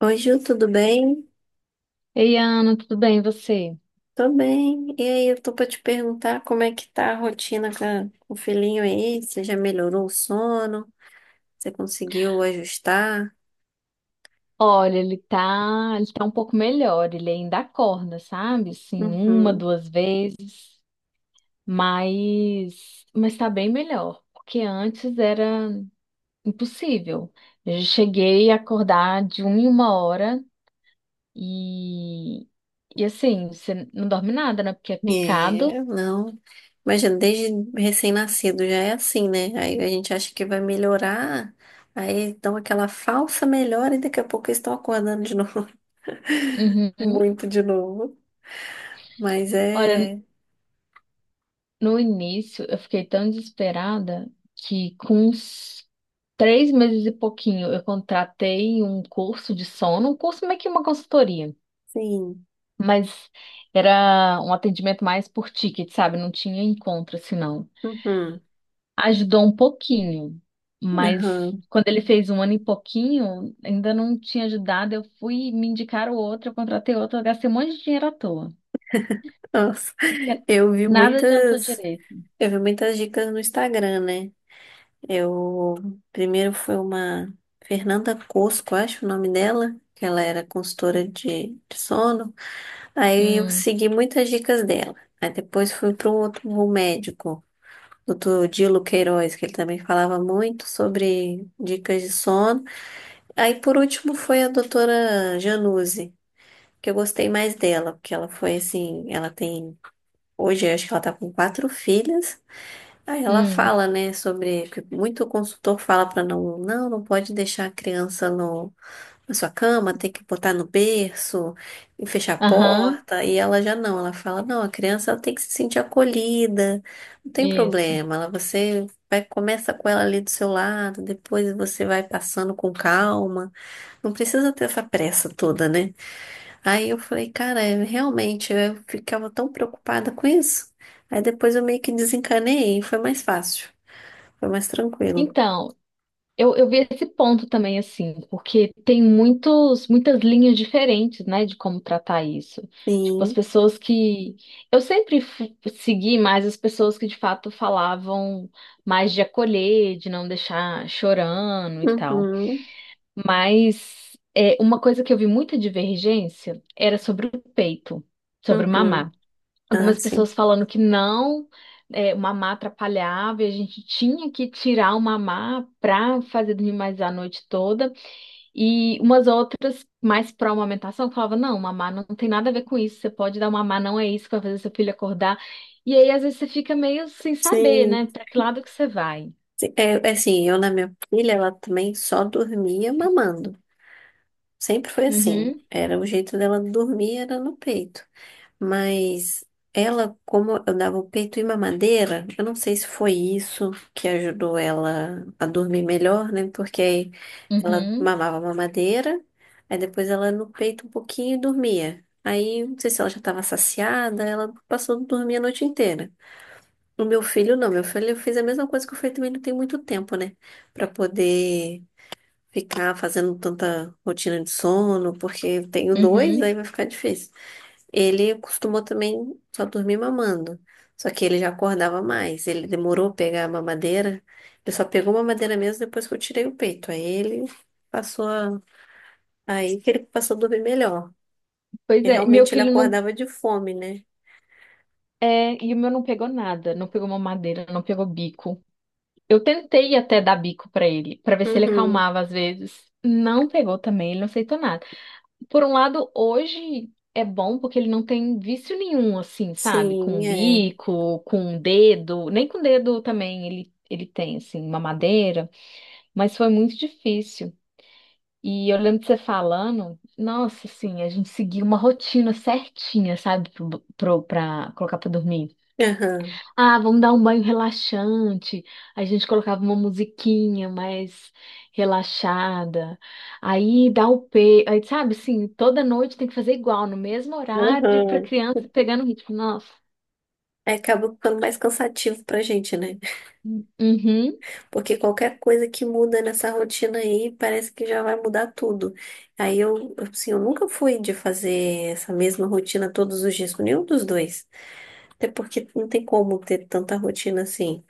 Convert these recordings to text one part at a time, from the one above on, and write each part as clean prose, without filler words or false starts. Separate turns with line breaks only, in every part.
Oi, Ju, tudo bem?
Ei, Ana, tudo bem, e você?
Tô bem. E aí, eu tô pra te perguntar como é que tá a rotina com o filhinho aí? Você já melhorou o sono? Você conseguiu ajustar?
Olha, ele tá um pouco melhor, ele ainda acorda, sabe? Assim, uma,
Uhum.
duas vezes, mas tá bem melhor, porque antes era impossível. Eu cheguei a acordar de uma em uma hora e e assim, você não dorme nada, né? Porque é picado.
É, não. Imagina, desde recém-nascido já é assim, né? Aí a gente acha que vai melhorar, aí dão aquela falsa melhora e daqui a pouco eles estão acordando de novo,
Uhum.
muito de novo. Mas
Ora,
é,
no início, eu fiquei tão desesperada que com uns 3 meses e pouquinho, eu contratei um curso de sono, um curso meio que uma consultoria,
sim.
mas era um atendimento mais por ticket, sabe? Não tinha encontro, assim, não.
Uhum.
Ajudou um pouquinho, mas
Aham.
quando ele fez um ano e pouquinho, ainda não tinha ajudado. Eu fui me indicar o outro, eu contratei outro, eu gastei um monte de dinheiro à toa,
Nossa,
porque
eu vi
nada adiantou
muitas.
direito.
Eu vi muitas dicas no Instagram, né? Eu primeiro foi uma Fernanda Cosco, acho o nome dela, que ela era consultora de sono. Aí eu
Hum,
segui muitas dicas dela. Aí depois fui para um outro médico, doutor Dilo Queiroz, que ele também falava muito sobre dicas de sono. Aí por último foi a doutora Januse, que eu gostei mais dela, porque ela foi assim, ela tem. Hoje, eu acho que ela tá com quatro filhas. Aí ela
hum,
fala, né, sobre que muito consultor fala para não, não, não pode deixar a criança no, na sua cama, tem que botar no berço e fechar a
aham,
porta. E ela já não, ela fala, não, a criança ela tem que se sentir acolhida, não tem
isso.
problema. Ela, você vai começa com ela ali do seu lado, depois você vai passando com calma. Não precisa ter essa pressa toda, né? Aí eu falei, cara, é, realmente eu ficava tão preocupada com isso. Aí depois eu meio que desencanei e foi mais fácil. Foi mais tranquilo.
Então, eu vi esse ponto também, assim, porque tem muitos, muitas linhas diferentes, né, de como tratar isso. Tipo, as
Sim.
pessoas que. Eu sempre segui mais as pessoas que de fato falavam mais de acolher, de não deixar chorando e tal.
Uhum.
Mas é, uma coisa que eu vi muita divergência era sobre o peito, sobre o
Uhum.
mamar,
Ah,
algumas
sim.
pessoas falando que não, é, o mamar atrapalhava e a gente tinha que tirar o mamar para fazer dormir mais a noite toda. E umas outras, mais pró amamentação, falavam: não, mamar não tem nada a ver com isso, você pode dar o mamar, não é isso que vai fazer seu filho acordar. E aí, às vezes, você fica meio sem saber, né,
Sim.
para que lado que você vai.
Sim. É assim, eu na minha filha, ela também só dormia mamando. Sempre foi assim.
Uhum,
Era o jeito dela dormir, era no peito. Mas ela, como eu dava o peito e mamadeira, eu não sei se foi isso que ajudou ela a dormir melhor, né? Porque aí ela
uhum,
mamava mamadeira, aí depois ela no peito um pouquinho e dormia. Aí, não sei se ela já estava saciada, ela passou a dormir a noite inteira. O meu filho, não, meu filho, eu fiz a mesma coisa que eu fiz também, não tem muito tempo, né? Pra poder ficar fazendo tanta rotina de sono, porque eu tenho dois,
uhum.
aí vai ficar difícil. Ele costumou também só dormir mamando. Só que ele já acordava mais. Ele demorou a pegar a mamadeira. Ele só pegou a mamadeira mesmo depois que eu tirei o peito. Aí ele passou a... Aí que ele passou a dormir melhor.
Pois
E
é, meu
realmente ele
filho não.
acordava de fome, né?
É, e o meu não pegou nada, não pegou mamadeira, não pegou bico. Eu tentei até dar bico pra ele, pra ver se ele
Uhum.
acalmava às vezes. Não pegou também, ele não aceitou nada. Por um lado, hoje é bom porque ele não tem vício nenhum, assim, sabe?
Sim,
Com
é.
bico, com dedo, nem com dedo também ele tem, assim, uma madeira, mas foi muito difícil. E eu lembro de você falando, nossa, assim, a gente seguia uma rotina certinha, sabe, pra colocar pra dormir.
Aham.
Ah, vamos dar um banho relaxante. A gente colocava uma musiquinha mais relaxada. Aí dá o pe... Aí, sabe, assim, toda noite tem que fazer igual, no mesmo horário, para
Aham.
criança pegando o ritmo. Nossa.
Aí acaba ficando mais cansativo pra gente, né?
Uhum,
Porque qualquer coisa que muda nessa rotina aí, parece que já vai mudar tudo. Aí eu, assim, eu nunca fui de fazer essa mesma rotina todos os dias com nenhum dos dois. Até porque não tem como ter tanta rotina assim.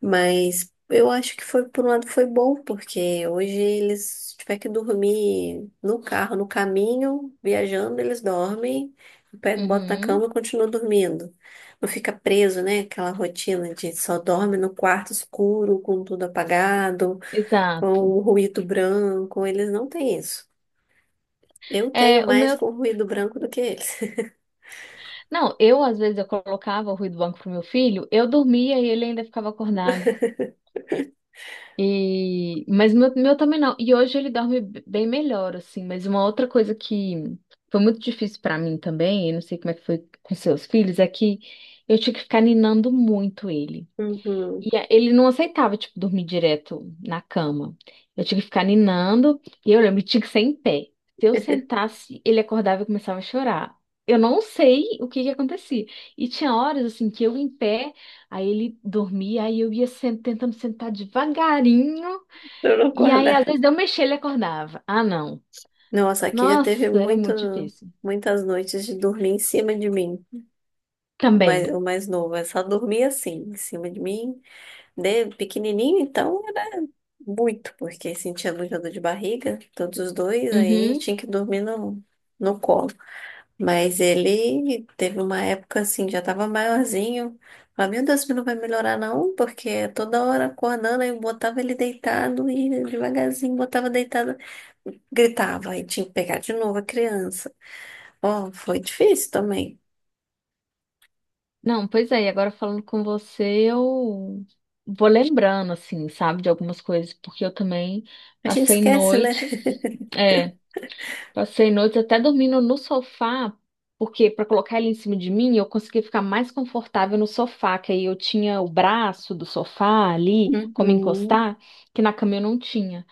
Mas eu acho que foi, por um lado, foi bom, porque hoje eles, se tiver que dormir no carro, no caminho, viajando, eles dormem, eu pego, boto na cama
uhum.
e continuo dormindo. Não fica preso, né? Aquela rotina de só dorme no quarto escuro, com tudo apagado, com
Exato.
o ruído branco. Eles não têm isso. Eu
É,
tenho
o
mais
meu.
com ruído branco do que eles.
Não, eu às vezes eu colocava o ruído do banco pro meu filho, eu dormia e ele ainda ficava acordado. E, mas meu também não. E hoje ele dorme bem melhor, assim. Mas uma outra coisa que foi muito difícil pra mim também, eu não sei como é que foi com seus filhos, é que eu tinha que ficar ninando muito ele.
Uhum.
E ele não aceitava, tipo, dormir direto na cama. Eu tinha que ficar ninando, e eu lembro, tinha que ser em pé. Se eu sentasse, ele acordava e começava a chorar. Eu não sei o que que acontecia. E tinha horas, assim, que eu em pé, aí ele dormia, aí eu ia tentando sentar devagarinho.
Eu não
E aí, às
acordar.
vezes, eu mexia, ele acordava. Ah, não.
Nossa, aqui já teve
Nossa, era
muito,
muito difícil.
muitas noites de dormir em cima de mim. O
Também.
mais, o mais novo, é só dormia assim, em cima de mim. De pequenininho, então, era muito, porque sentia muita dor de barriga, todos os dois, aí
Uhum.
tinha que dormir no, no colo. Mas ele teve uma época assim, já tava maiorzinho. Falei, meu Deus, isso não vai melhorar não, porque toda hora acordando, aí eu botava ele deitado e devagarzinho botava deitado, gritava, aí tinha que pegar de novo a criança. Ó, foi difícil também.
Não, pois é, e agora falando com você, eu vou lembrando, assim, sabe, de algumas coisas, porque eu também
A gente
passei
esquece, né?
noites, é, passei noites até dormindo no sofá, porque para colocar ele em cima de mim, eu conseguia ficar mais confortável no sofá, que aí eu tinha o braço do sofá ali, como
Uhum.
encostar, que na cama eu não tinha.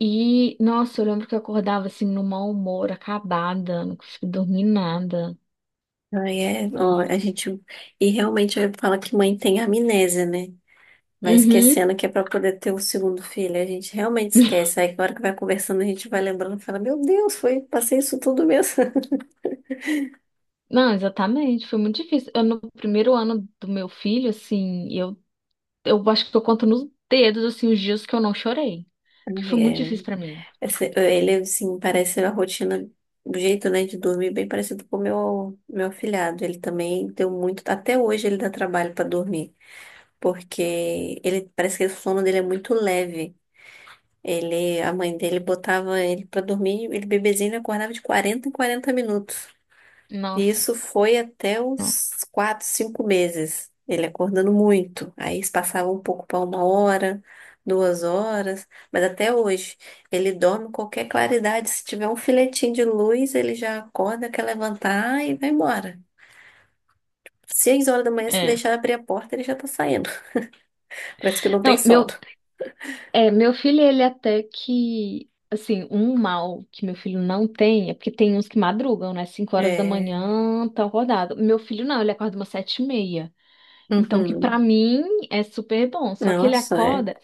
E, nossa, eu lembro que eu acordava assim, no mau humor, acabada, não conseguia dormir nada.
Ai, é, ó, a
E.
gente. E realmente fala que mãe tem amnésia, né? Vai
Uhum.
esquecendo que é para poder ter o segundo filho. A gente realmente esquece. Aí, na hora que vai conversando, a gente vai lembrando e fala: Meu Deus, foi, passei isso tudo mesmo.
Não, exatamente, foi muito difícil. Eu, no primeiro ano do meu filho, assim, eu acho que eu conto nos dedos, assim, os dias que eu não chorei. Porque
Ai,
foi muito
é.
difícil pra mim.
Ele, assim, parece a rotina, o jeito, né, de dormir, bem parecido com o meu afilhado. Ele também deu muito. Até hoje ele dá trabalho para dormir, porque ele parece que o sono dele é muito leve. Ele, a mãe dele botava ele pra dormir, ele bebezinho ele acordava de 40 em 40 minutos. E
Nossa.
isso foi até uns 4, 5 meses. Ele acordando muito. Aí isso passava um pouco para 1 hora, 2 horas, mas até hoje ele dorme em qualquer claridade. Se tiver um filetinho de luz, ele já acorda, quer levantar e vai embora. 6 horas da manhã, se
É.
deixar abrir a porta, ele já tá saindo. Parece que não tem
Não,
sono.
meu, é, meu filho, ele até que, assim, um mal que meu filho não tem é porque tem uns que madrugam, né? Cinco horas da
É.
manhã, tão acordado. Meu filho não, ele acorda umas 7h30. Então, que pra
Uhum.
mim é super bom. Só que ele
Nossa, é.
acorda,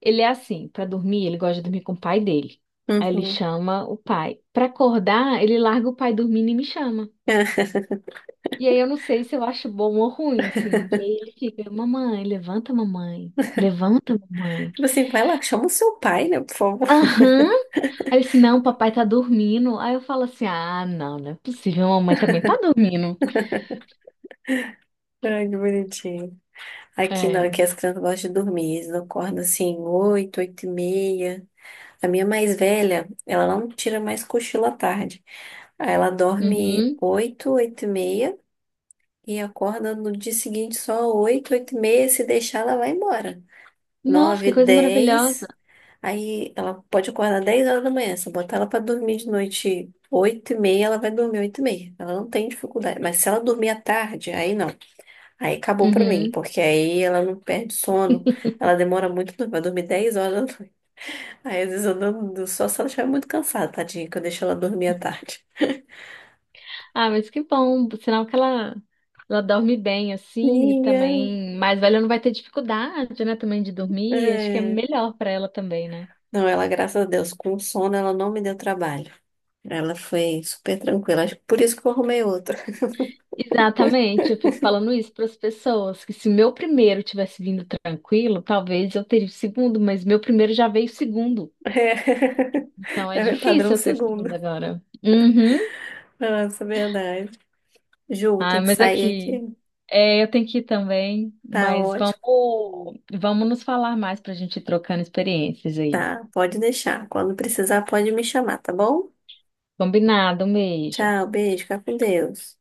ele é assim, pra dormir, ele gosta de dormir com o pai dele. Aí ele
Uhum.
chama o pai. Pra acordar, ele larga o pai dormindo e me chama. E aí eu não sei se eu acho bom ou ruim, assim. E aí ele fica, mamãe, levanta, mamãe. Levanta, mamãe.
Tipo assim, vai lá, chama o seu pai, né, por favor.
Aham. Aí eu disse, não, papai tá dormindo. Aí eu falo assim, ah, não, não é possível, mamãe também tá dormindo.
Ai, que bonitinho. Aqui não,
É.
aqui as crianças gostam de dormir. Eles acordam assim, oito, oito e meia. A minha mais velha, ela não tira mais cochilo à tarde. Aí ela dorme
Uhum.
oito, oito e meia e acorda no dia seguinte só oito, oito e meia. Se deixar, ela vai embora.
Nossa, que
Nove,
coisa maravilhosa.
dez. Aí ela pode acordar 10 horas da manhã. Se eu botar ela pra dormir de noite oito e meia, ela vai dormir oito e meia. Ela não tem dificuldade. Mas se ela dormir à tarde, aí não. Aí acabou pra mim,
Uhum.
porque aí ela não perde sono, ela demora muito, pra dormir, vai dormir 10 horas da noite. Aí às vezes eu durmo só se ela estiver muito cansada, tadinha, que eu deixo ela dormir à tarde.
Ah, mas que bom, sinal que ela dorme bem assim e
Minha.
também mais velha não vai ter dificuldade, né, também de dormir, acho que é
É.
melhor pra ela também, né?
Não, ela, graças a Deus, com sono ela não me deu trabalho. Ela foi super tranquila, acho que por isso que eu arrumei outra.
Exatamente, eu fico falando isso para as pessoas, que se meu primeiro tivesse vindo tranquilo, talvez eu teria o segundo, mas meu primeiro já veio o segundo. Então é
É, é meu padrão
difícil eu ter o segundo
segundo.
agora. Uhum.
Nossa, verdade. Ju,
Ah,
tem que
mas
sair
aqui,
aqui.
é, eu tenho que ir também,
Tá
mas
ótimo.
vamos nos falar mais para a gente ir trocando experiências aí.
Tá, pode deixar. Quando precisar, pode me chamar, tá bom?
Combinado, um beijo.
Tchau, beijo, fica com Deus.